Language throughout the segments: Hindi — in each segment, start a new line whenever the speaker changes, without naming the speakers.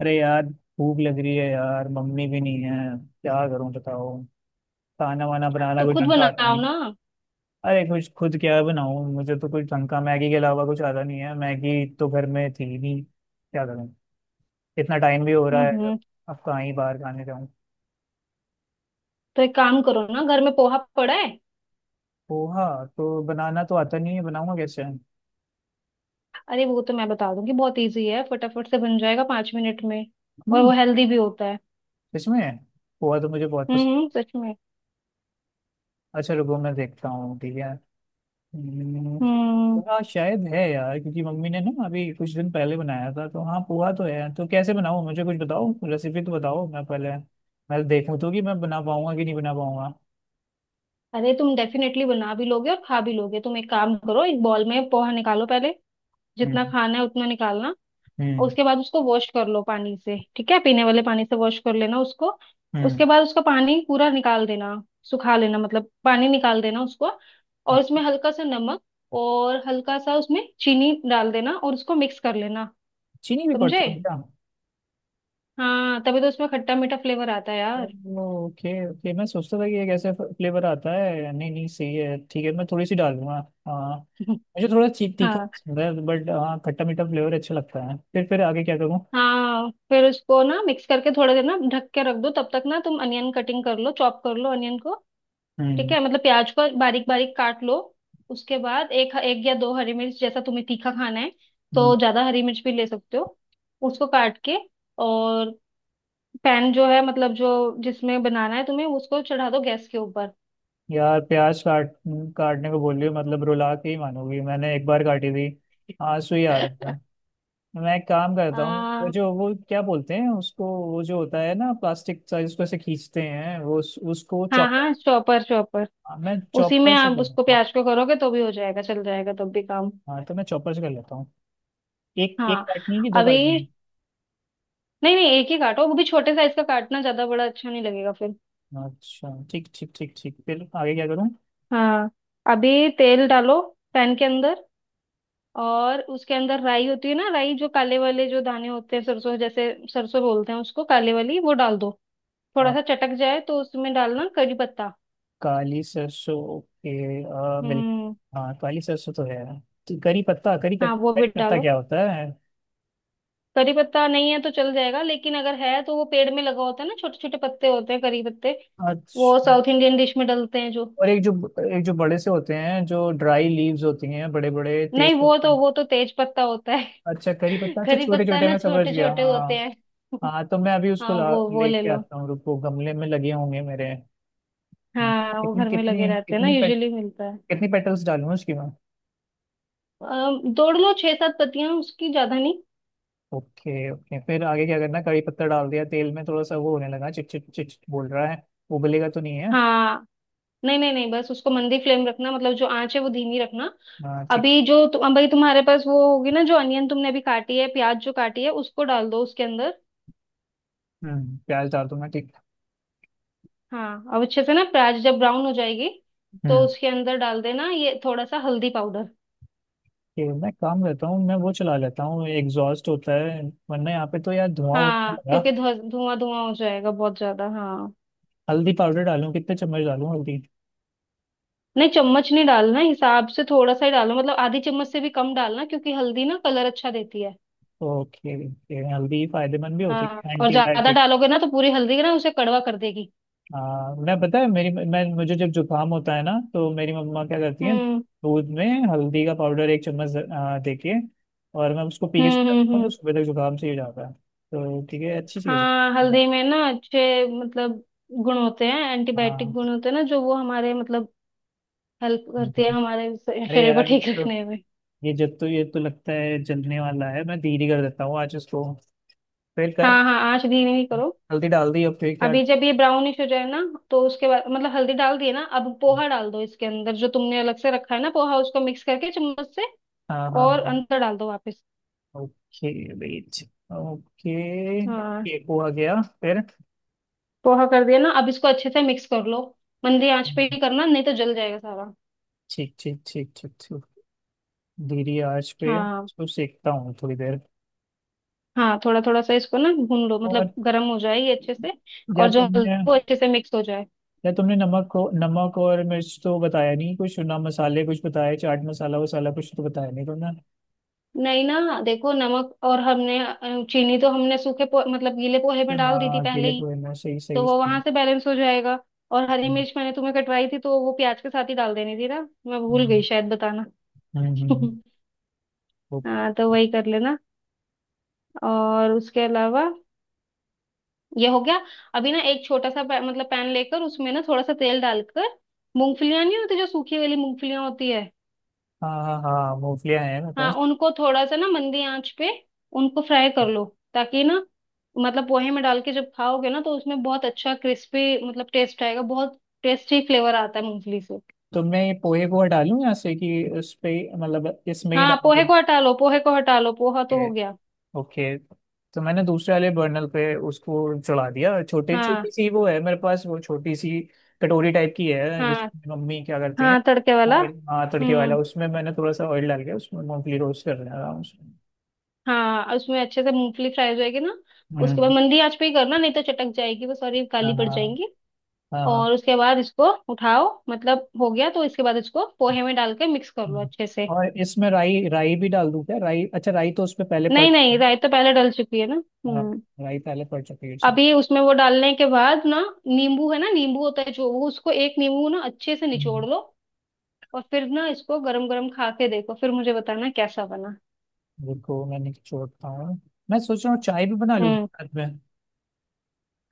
अरे यार। भूख लग रही है यार, मम्मी भी नहीं है। क्या करूं बताओ। खाना वाना बनाना
तो
कुछ
खुद
ढंग का आता
बनाओ
नहीं।
ना।
अरे कुछ खुद क्या बनाऊं, मुझे तो कुछ ढंग का मैगी के अलावा कुछ आता नहीं है। मैगी तो घर में थी नहीं, क्या करूं। इतना टाइम भी हो रहा है अब।
हम्म
अब कहाँ ही बाहर खाने जाऊं।
तो एक काम करो ना, घर में पोहा पड़ा है।
पोहा? तो बनाना तो आता नहीं है, बनाऊंगा कैसे।
अरे वो तो मैं बता दूंगी, बहुत इजी है, फटाफट से बन जाएगा 5 मिनट में। और वो
हम्म।
हेल्दी भी होता है।
इसमें। पोहा तो मुझे बहुत पसंद।
हम्म, सच में।
अच्छा रुको मैं देखता हूँ, ठीक है। हम्म,
हम्म।
हाँ शायद है यार, क्योंकि मम्मी ने ना अभी कुछ दिन पहले बनाया था, तो हाँ पोहा तो है। तो कैसे बनाऊँ, मुझे कुछ बताओ, रेसिपी तो बताओ मैं पहले मैं देखूँ तो कि मैं बना पाऊंगा कि नहीं बना पाऊंगा।
अरे तुम डेफिनेटली बना भी लोगे और खा भी लोगे। तुम एक काम करो, एक बॉल में पोहा निकालो पहले, जितना
हम्म।
खाना है उतना निकालना।
हम्म।
उसके बाद उसको वॉश कर लो पानी से, ठीक है? पीने वाले पानी से वॉश कर लेना उसको।
हम्म।
उसके बाद उसका पानी पूरा निकाल देना, सुखा लेना, मतलब पानी निकाल देना उसको। और उसमें हल्का सा नमक और हल्का सा उसमें चीनी डाल देना और उसको मिक्स कर लेना।
चीनी भी पड़ती
समझे?
है क्या?
हाँ, तभी तो उसमें खट्टा मीठा फ्लेवर आता है यार।
ओके ओके, मैं सोचता था कि ये कैसे फ्लेवर आता है। नहीं नहीं सही है, ठीक है मैं थोड़ी सी डालूंगा। हाँ। मुझे थोड़ा तीखा
हाँ।
पसंद है, बट हाँ खट्टा मीठा फ्लेवर अच्छा लगता है। फिर आगे क्या करूँ।
हाँ फिर उसको ना मिक्स करके थोड़ा देर ना ढक के रख दो, तब तक ना तुम अनियन कटिंग कर लो, चॉप कर लो अनियन को। ठीक
हम्म।
है? मतलब प्याज को बारीक बारीक काट लो। उसके बाद एक एक या दो हरी मिर्च, जैसा तुम्हें तीखा खाना है तो ज्यादा हरी मिर्च भी ले सकते हो। उसको काट के। और पैन जो है, मतलब जो जिसमें बनाना है तुम्हें उसको चढ़ा दो गैस के ऊपर।
यार प्याज काट काटने को बोल रही हो, मतलब रुला के ही मानोगी। मैंने एक बार काटी थी, आंसू ही आ रहा था। मैं एक काम करता हूँ, वो
हाँ।
जो वो क्या बोलते हैं उसको, वो जो होता है ना प्लास्टिक सा जिसको ऐसे खींचते हैं, वो उसको
हाँ
चॉपर।
हाँ चॉपर चॉपर।
हाँ, मैं
उसी में
चॉपर से
आप
कर
उसको
लेता हूँ।
प्याज को करोगे तो भी हो जाएगा, चल जाएगा तब भी काम।
हाँ तो मैं चॉपर से कर लेता हूँ। एक एक
हाँ।
काटनी है कि दो काटनी है?
अभी नहीं नहीं, एक ही काटो, वो भी छोटे साइज का काटना, ज्यादा बड़ा अच्छा नहीं लगेगा फिर।
अच्छा ठीक, ठीक, ठीक, ठीक, फिर आगे क्या करूँ।
हाँ। अभी तेल डालो पैन के अंदर। और उसके अंदर राई होती है ना, राई जो काले वाले जो दाने होते हैं, सरसों जैसे, सरसों बोलते हैं उसको, काले वाली वो डाल दो। थोड़ा
आ,
सा चटक जाए तो उसमें डालना करी पत्ता।
काली सरसों ओके। मिल्क।
हम्म।
हाँ काली सरसों तो है। तो करी पत्ता, करी
हाँ वो भी
करी पत्ता
डालो।
क्या होता है?
करी पत्ता नहीं है तो चल जाएगा, लेकिन अगर है तो वो पेड़ में लगा होता है ना, छोटे छोटे पत्ते होते हैं करी पत्ते। वो
अच्छा।
साउथ इंडियन डिश में डलते हैं जो।
और एक जो, एक जो बड़े से होते हैं जो ड्राई लीव्स होती हैं, बड़े बड़े
नहीं,
तेज
वो तो
पत्ता।
वो तो तेज पत्ता होता है।
अच्छा करी पत्ता, अच्छा
करी
छोटे
पत्ता
छोटे,
ना
मैं समझ
छोटे
गया
छोटे
हाँ।
होते हैं।
हाँ तो मैं अभी उसको
हाँ
ला
वो ले
लेके
लो।
आता हूँ, रुको, गमले में लगे होंगे मेरे।
हाँ वो
कितनी
घर में लगे
कितनी
रहते हैं ना,
कितनी पेट,
यूजुअली मिलता है।
कितनी पेटल्स डालूँ उसकी मैं?
दौड़ लो छह सात पत्तियां उसकी, ज्यादा नहीं।
ओके ओके, फिर आगे क्या करना। करी पत्ता डाल दिया तेल में, थोड़ा सा वो होने लगा, चिट चिट चिट चिट बोल रहा है। उबलेगा तो नहीं है?
हाँ। नहीं नहीं नहीं, बस उसको मंदी फ्लेम रखना, मतलब जो आंच है वो धीमी रखना।
हाँ ठीक।
अभी जो अभी तुम्हारे पास वो होगी ना, जो अनियन तुमने अभी काटी है, प्याज जो काटी है, उसको डाल दो उसके अंदर।
हम्म, प्याज डाल दूंगा, ठीक।
हाँ, अब अच्छे से ना प्याज जब ब्राउन हो जाएगी तो
हम्म।
उसके अंदर डाल देना ये थोड़ा सा हल्दी पाउडर।
कि मैं काम करता हूँ, मैं वो चला लेता हूँ एग्जॉस्ट होता है, वरना यहाँ पे तो यार धुआं उड़ने
हाँ,
लगा।
क्योंकि धुआं धुआं हो जाएगा बहुत ज्यादा, हाँ।
हल्दी पाउडर डालूं, कितने चम्मच डालूं हल्दी?
नहीं चम्मच नहीं डालना, हिसाब से थोड़ा सा ही डालना, मतलब आधी चम्मच से भी कम डालना, क्योंकि हल्दी ना कलर अच्छा देती है।
ओके ओके, हल्दी फायदेमंद भी होती
हाँ
है,
और ज्यादा
एंटीबायोटिक।
डालोगे ना तो पूरी हल्दी ना उसे कड़वा कर देगी।
हाँ मैं पता है, मेरी मैं मुझे जब जुकाम होता है ना, तो मेरी मम्मा क्या करती है,
हम्म।
दूध में हल्दी का पाउडर एक चम्मच देके, और मैं उसको पी के सो
हम्म। हम्म।
जाता हूँ, तो
हम्म।
सुबह तक जुकाम सही हो जाता है। तो ठीक है, अच्छी चीज़
हाँ
है।
हल्दी में ना अच्छे, मतलब गुण होते हैं, एंटीबायोटिक
हाँ।
गुण होते हैं ना, जो वो हमारे मतलब हेल्प करती है हमारे
अरे
शरीर को
यार ये
ठीक
तो,
रखने में।
ये जब तो ये तो लगता है जलने वाला है, मैं धीरे कर देता हूँ आज इसको। फिर कर
हाँ हाँ, आँच धीमी ही करो।
हल्दी डाल दी और फिर क्या।
अभी जब ये ब्राउनिश हो जाए ना, तो उसके बाद मतलब हल्दी डाल दिए ना, अब पोहा डाल दो इसके अंदर, जो तुमने अलग से रखा है ना पोहा, उसको मिक्स करके चम्मच से
हाँ हाँ
और
हाँ।
अंदर डाल दो वापस।
Okay wait. ओके
हाँ।
ये हो आ गया फिर।
पोहा कर दिया ना, अब इसको अच्छे से मिक्स कर लो। मंदी आंच पे ही करना, नहीं तो जल जाएगा सारा।
ठीक, ठीक, ठीक, ठीक, ठीक, धीरे आंच पे
हाँ
इसको सेकता हूँ थोड़ी देर।
हाँ, थोड़ा थोड़ा सा इसको ना भून लो,
और
मतलब गर्म हो जाए ये अच्छे से।
या
और जो हल्दी
तुमने
वो अच्छे से मिक्स हो जाए।
या तुमने नमक को, नमक और मिर्च तो बताया नहीं, कुछ ना मसाले कुछ बताया, चाट मसाला वसाला कुछ तो बताया नहीं तुमने।
नहीं ना देखो, नमक और हमने चीनी तो हमने सूखे मतलब गीले पोहे में डाल दी थी
हाँ
पहले
अकेले
ही।
तो है ना, सही
तो
सही
वो
सही।
वहां से बैलेंस हो जाएगा। और हरी
हम्म।
मिर्च मैंने तुम्हें कटवाई थी तो वो प्याज के साथ ही डाल देनी थी ना। मैं भूल गई शायद बताना।
हम्म। हम्म। ओके।
हाँ तो वही कर लेना। और उसके अलावा ये हो गया। अभी ना एक छोटा सा मतलब पैन लेकर उसमें ना थोड़ा सा तेल डालकर, मूंगफलियां नहीं होती जो सूखी वाली मूंगफलियां होती है।
हाँ हाँ हाँ, मूंगफलियाँ हैं मेरे
हाँ
पास।
उनको थोड़ा सा ना मंदी आंच पे उनको फ्राई कर लो, ताकि ना मतलब पोहे में डाल के जब खाओगे ना तो उसमें बहुत अच्छा क्रिस्पी मतलब टेस्ट आएगा, बहुत टेस्टी फ्लेवर आता है मूंगफली से।
तो मैं ये पोहे को हटा लूँ यहाँ से कि उस पे, मतलब इसमें ही
हाँ
डाल के?
पोहे को हटा लो, पोहे को हटा लो, पोहा तो हो गया।
ओके। तो मैंने दूसरे वाले बर्नल पे उसको चढ़ा दिया। छोटे
हाँ।
छोटी सी वो है मेरे पास, वो छोटी सी कटोरी टाइप की है
हाँ
जिसमें मम्मी क्या करती हैं
हाँ तड़के वाला।
ऑयल। हाँ तड़के वाला,
हम्म।
उसमें मैंने थोड़ा सा ऑयल डाल के उसमें मूंगफली रोस्ट कर रहा हूँ उसमें।
हाँ और उसमें अच्छे से मूंगफली फ्राई हो जाएगी ना, उसके बाद
हम्म।
मंदी आंच पे ही करना, नहीं तो चटक जाएगी वो, सॉरी,
हाँ
काली पड़
हाँ
जाएंगी।
हाँ। हाँ।
और उसके बाद इसको उठाओ, मतलब हो गया तो इसके बाद इसको पोहे में डाल के मिक्स कर लो
हम्म।
अच्छे से।
और इसमें राई राई भी डाल दूँ क्या? राई? अच्छा राई तो उसमें पहले पड़
नहीं नहीं,
चुकी
राई तो पहले डल चुकी है ना।
है। हाँ
हम्म।
राई पहले पड़ चुकी है उसमें।
अभी उसमें वो डालने के बाद ना नींबू है ना, नींबू होता है जो, वो उसको एक नींबू ना अच्छे से निचोड़
हम्म।
लो। और फिर ना इसको गरम गरम खा के देखो, फिर मुझे बताना कैसा बना।
रुको मैंने छोड़ता हूँ, मैं सोच रहा हूँ चाय भी बना लूँ
हम्म।
रात में।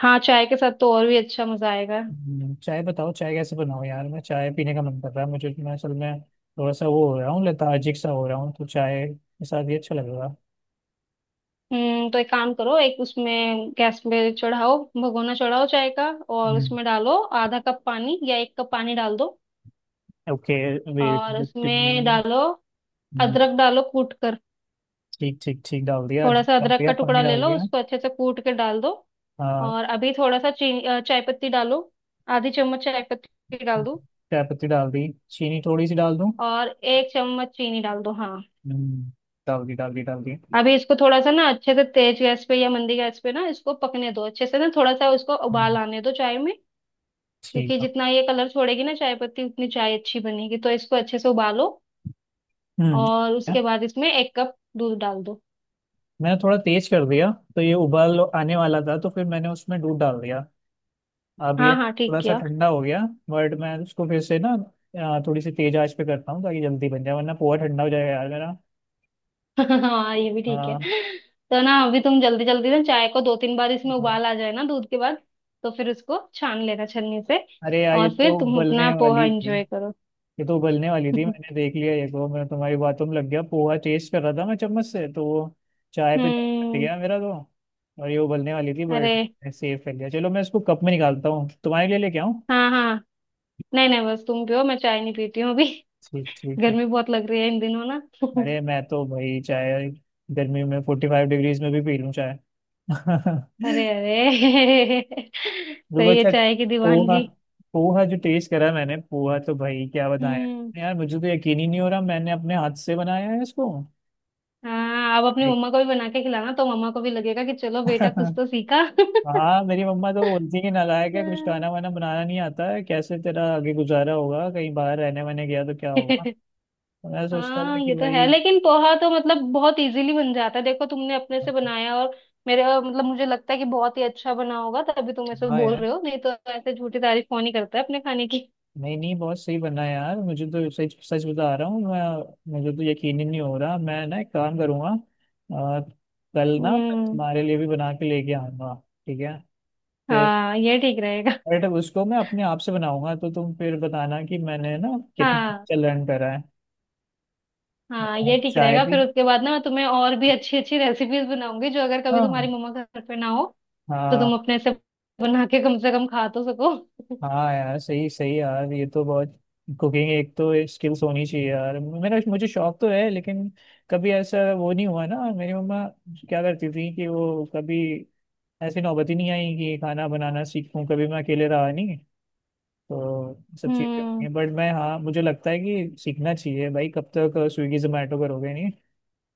हाँ चाय के साथ तो और भी अच्छा मजा आएगा।
चाय बताओ, चाय कैसे बनाओ यार, मैं चाय पीने का मन कर रहा है मुझे। मैं असल में थोड़ा सा वो हो रहा हूँ, लेथार्जिक सा हो रहा हूँ, तो चाय के साथ ये अच्छा लग रहा।
तो एक काम करो, एक उसमें गैस पे चढ़ाओ, भगोना चढ़ाओ चाय का। और
हम्म।
उसमें डालो 1/2 कप पानी या 1 कप पानी डाल दो।
ओके वेट
और
वेट
उसमें डालो
हम्म।
अदरक, डालो कूट कर।
ठीक ठीक ठीक,
थोड़ा सा
डाल
अदरक
दिया
का
पानी
टुकड़ा ले
डाल
लो
दिया।
उसको अच्छे से कूट के डाल दो।
हाँ।
और अभी थोड़ा सा चीनी, चाय पत्ती डालो, 1/2 चम्मच चाय पत्ती डाल दो।
चाय पत्ती डाल दी, चीनी थोड़ी सी डाल दूँ?
और 1 चम्मच चीनी डाल दो, हाँ।
हम्म। डाल दी डाल दी डाल दी।
अभी इसको थोड़ा सा ना अच्छे से तेज गैस पे या मंदी गैस पे ना इसको पकने दो अच्छे से ना, थोड़ा सा उसको उबाल
हम्म।
आने दो चाय में।
ठीक
क्योंकि
है।
जितना ये कलर छोड़ेगी ना चाय पत्ती, उतनी चाय अच्छी बनेगी, तो इसको अच्छे से उबालो।
हम्म।
और उसके बाद इसमें 1 कप दूध डाल दो।
मैंने थोड़ा तेज कर दिया, तो ये उबाल आने वाला था तो फिर मैंने उसमें दूध डाल दिया। अब ये
हाँ हाँ, ठीक
थोड़ा सा
किया।
ठंडा हो गया। बट मैं उसको फिर से ना थोड़ी सी तेज आंच पे करता हूँ, ताकि जल्दी बन जाए, वरना पोहा ठंडा हो जाएगा यार मेरा।
हाँ ये भी ठीक है।
हाँ।
तो ना अभी तुम जल्दी जल्दी ना चाय को दो तीन बार इसमें
हाँ।
उबाल आ जाए ना दूध के बाद, तो फिर उसको छान लेना छन्नी से।
अरे यार ये
और
तो
फिर तुम अपना
उबलने
पोहा
वाली थी,
एंजॉय करो।
ये तो उबलने वाली थी, मैंने देख लिया, ये को मैं तुम्हारी बातों में लग गया, पोहा टेस्ट कर रहा था मैं चम्मच से, तो वो चाय पे ध्यान हट
हम्म।
गया मेरा तो। और ये उबलने वाली थी
अरे।
बट सेफ कर लिया। चलो मैं इसको कप में निकालता हूँ, तुम्हारे लिए लेके आऊँ।
हाँ हाँ, नहीं नहीं, बस तुम पियो, मैं चाय नहीं पीती हूँ अभी।
ठीक ठीक ठीक।
गर्मी बहुत लग रही है इन दिनों ना।
अरे मैं तो भाई चाय गर्मी में 45 डिग्रीज में भी पी लूँ चाय।
अरे अरे।
रुको
सही है
अच्छा।
चाय की
पोहा,
दीवानगी।
पोहा जो टेस्ट करा मैंने, पोहा तो भाई क्या बताया
हम्म।
यार, मुझे तो यकीन ही नहीं हो रहा मैंने अपने हाथ से बनाया है इसको।
हाँ अब अपनी
एक-
मम्मा को भी बना के खिलाना तो मम्मा को भी लगेगा कि चलो बेटा कुछ तो सीखा।
हाँ मेरी मम्मा तो बोलती है कि नालायक है, कुछ
हाँ।
खाना वाना बनाना नहीं आता है, कैसे तेरा आगे गुजारा होगा, कहीं बाहर रहने वहने गया तो क्या होगा। तो मैं सोचता
हाँ,
था
ये
कि
तो है
भाई।
लेकिन पोहा तो मतलब बहुत इजीली बन जाता है, देखो तुमने अपने से बनाया, और मेरे मतलब मुझे लगता है कि बहुत ही अच्छा बना होगा, तभी तुम ऐसे
हाँ
बोल
यार।
रहे हो, नहीं तो ऐसे झूठी तारीफ कौन ही करता है अपने खाने की।
नहीं नहीं बहुत सही बना है यार, मुझे तो सच सच बता रहा हूँ मैं, मुझे तो यकीन ही नहीं हो रहा, मैं ना एक काम करूँगा अ, कल ना मैं
हम्म।
तुम्हारे लिए भी बना के लेके आऊँगा। ठीक है। फिर
हाँ ये ठीक रहेगा।
बट उसको मैं अपने आप से बनाऊंगा, तो तुम फिर बताना कि मैंने ना कितना
हाँ
अच्छा लर्न करा है।
हाँ
और
ये ठीक
चाय
रहेगा,
भी।
फिर उसके बाद ना मैं तुम्हें और भी अच्छी अच्छी रेसिपीज बनाऊंगी, जो अगर कभी तुम्हारी
हाँ।
मम्मा घर पे ना हो तो
हाँ।
तुम अपने से बना के कम से कम खा तो सको।
हाँ यार सही सही यार, ये तो बहुत कुकिंग एक तो स्किल्स होनी चाहिए यार मेरा, मुझे शौक तो है लेकिन कभी ऐसा वो नहीं हुआ ना। मेरी मम्मा क्या करती थी कि वो कभी ऐसी नौबत ही नहीं आई कि खाना बनाना सीखूं, कभी मैं अकेले रहा नहीं, तो सब
हम्म।
चीज़ें बट मैं हाँ मुझे लगता है कि सीखना चाहिए भाई, कब तक स्विगी जोमेटो करोगे, नहीं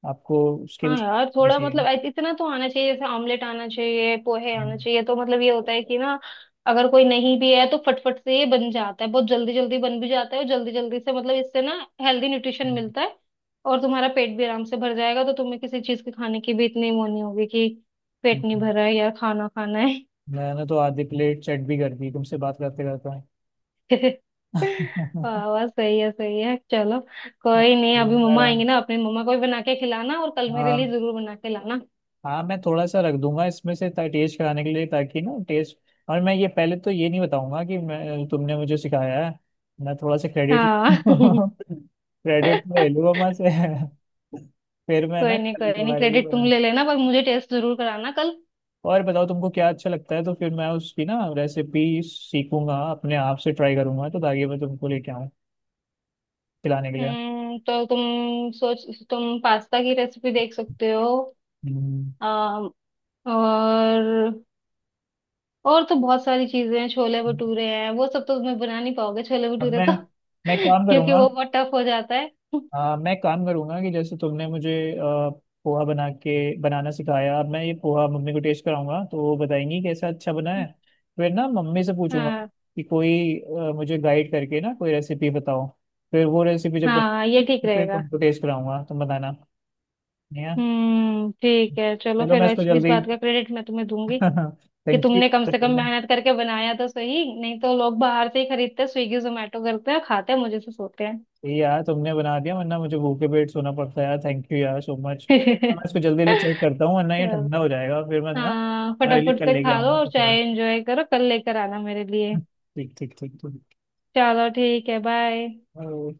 आपको
हाँ
स्किल्स
यार थोड़ा मतलब,
चाहिए।
इतना तो आना चाहिए, जैसे ऑमलेट आना चाहिए, पोहे आना
हम्म।
चाहिए, तो मतलब ये होता है कि ना अगर कोई नहीं भी है तो फटफट से ये बन जाता है, बहुत जल्दी जल्दी बन भी जाता है, और जल्दी जल्दी से मतलब इससे ना हेल्दी न्यूट्रिशन
हम्म।
मिलता है और तुम्हारा पेट भी आराम से भर जाएगा। तो तुम्हें किसी चीज के खाने की भी इतनी वो नहीं होगी कि
हम्म।
पेट नहीं
हम्म।
भरा है या खाना खाना है।
मैंने तो आधी प्लेट चट भी कर दी तुमसे बात करते करते।
वाह वाह, सही है, सही है, चलो। कोई नहीं,
यूं
अभी
ही
मम्मा
मेरा।
आएंगे ना, अपनी मम्मा को भी बना के खिलाना और कल मेरे लिए
हाँ।
जरूर बना के लाना।
हाँ मैं थोड़ा सा रख दूंगा इसमें से टेस्ट कराने के लिए, ताकि ना टेस्ट। और मैं ये पहले तो ये नहीं बताऊंगा कि मैं तुमने मुझे सिखाया है, मैं थोड़ा सा क्रेडिट,
हाँ।
क्रेडिट में ले लूंगा मैं से। फिर मैं ना
कोई नहीं,
कल
कोई नहीं,
तुम्हारे लिए
क्रेडिट तुम
बना।
ले लेना पर मुझे टेस्ट जरूर कराना कल।
और बताओ तुमको क्या अच्छा लगता है, तो फिर मैं उसकी ना रेसिपी सीखूंगा, अपने आप से ट्राई करूंगा, तो ताकि मैं तुमको लेके आऊँ खिलाने के लिए।
तो तुम सोच, तुम पास्ता की रेसिपी देख सकते हो।
हम्म।
अम, और और तो बहुत सारी चीजें हैं, छोले भटूरे हैं, वो सब तो मैं बना नहीं पाओगे छोले
अब
भटूरे
मैं
तो।
मैं काम
क्योंकि
करूंगा।
वो बहुत टफ हो जाता है।
हाँ मैं काम करूंगा कि जैसे तुमने मुझे पोहा बना के बनाना सिखाया, अब मैं ये पोहा मम्मी को टेस्ट कराऊंगा तो वो बताएंगी कैसा अच्छा बना है। फिर ना मम्मी से पूछूंगा
हाँ
कि कोई मुझे गाइड करके ना कोई रेसिपी बताओ। फिर वो रेसिपी जब
हाँ ये ठीक
फिर
रहेगा।
तुमको टेस्ट कराऊंगा, तुम बताना। या
ठीक है चलो।
चलो
फिर
मैं इसको
इस
जल्दी।
बात का क्रेडिट मैं तुम्हें दूंगी कि
थैंक यू।
तुमने कम से कम मेहनत करके बनाया तो सही, नहीं तो लोग बाहर से ही खरीदते, स्विगी जोमेटो करते हैं, खाते हैं मुझे से सोते हैं।
ये यार तुमने बना दिया, वरना मुझे भूखे पेट सोना पड़ता है यार, थैंक यू यार सो मच। मैं इसको जल्दी जल्दी चेक करता हूँ वरना ये
चलो।
ठंडा हो जाएगा, फिर मैं ना
हाँ
तुम्हारे लिए
फटाफट
कल
से
लेके
खा लो
आऊंगा
और
कुछ और।
चाय एंजॉय करो, कल लेकर आना मेरे लिए।
ठीक ठीक ठीक ठीक।
चलो ठीक है, बाय।
और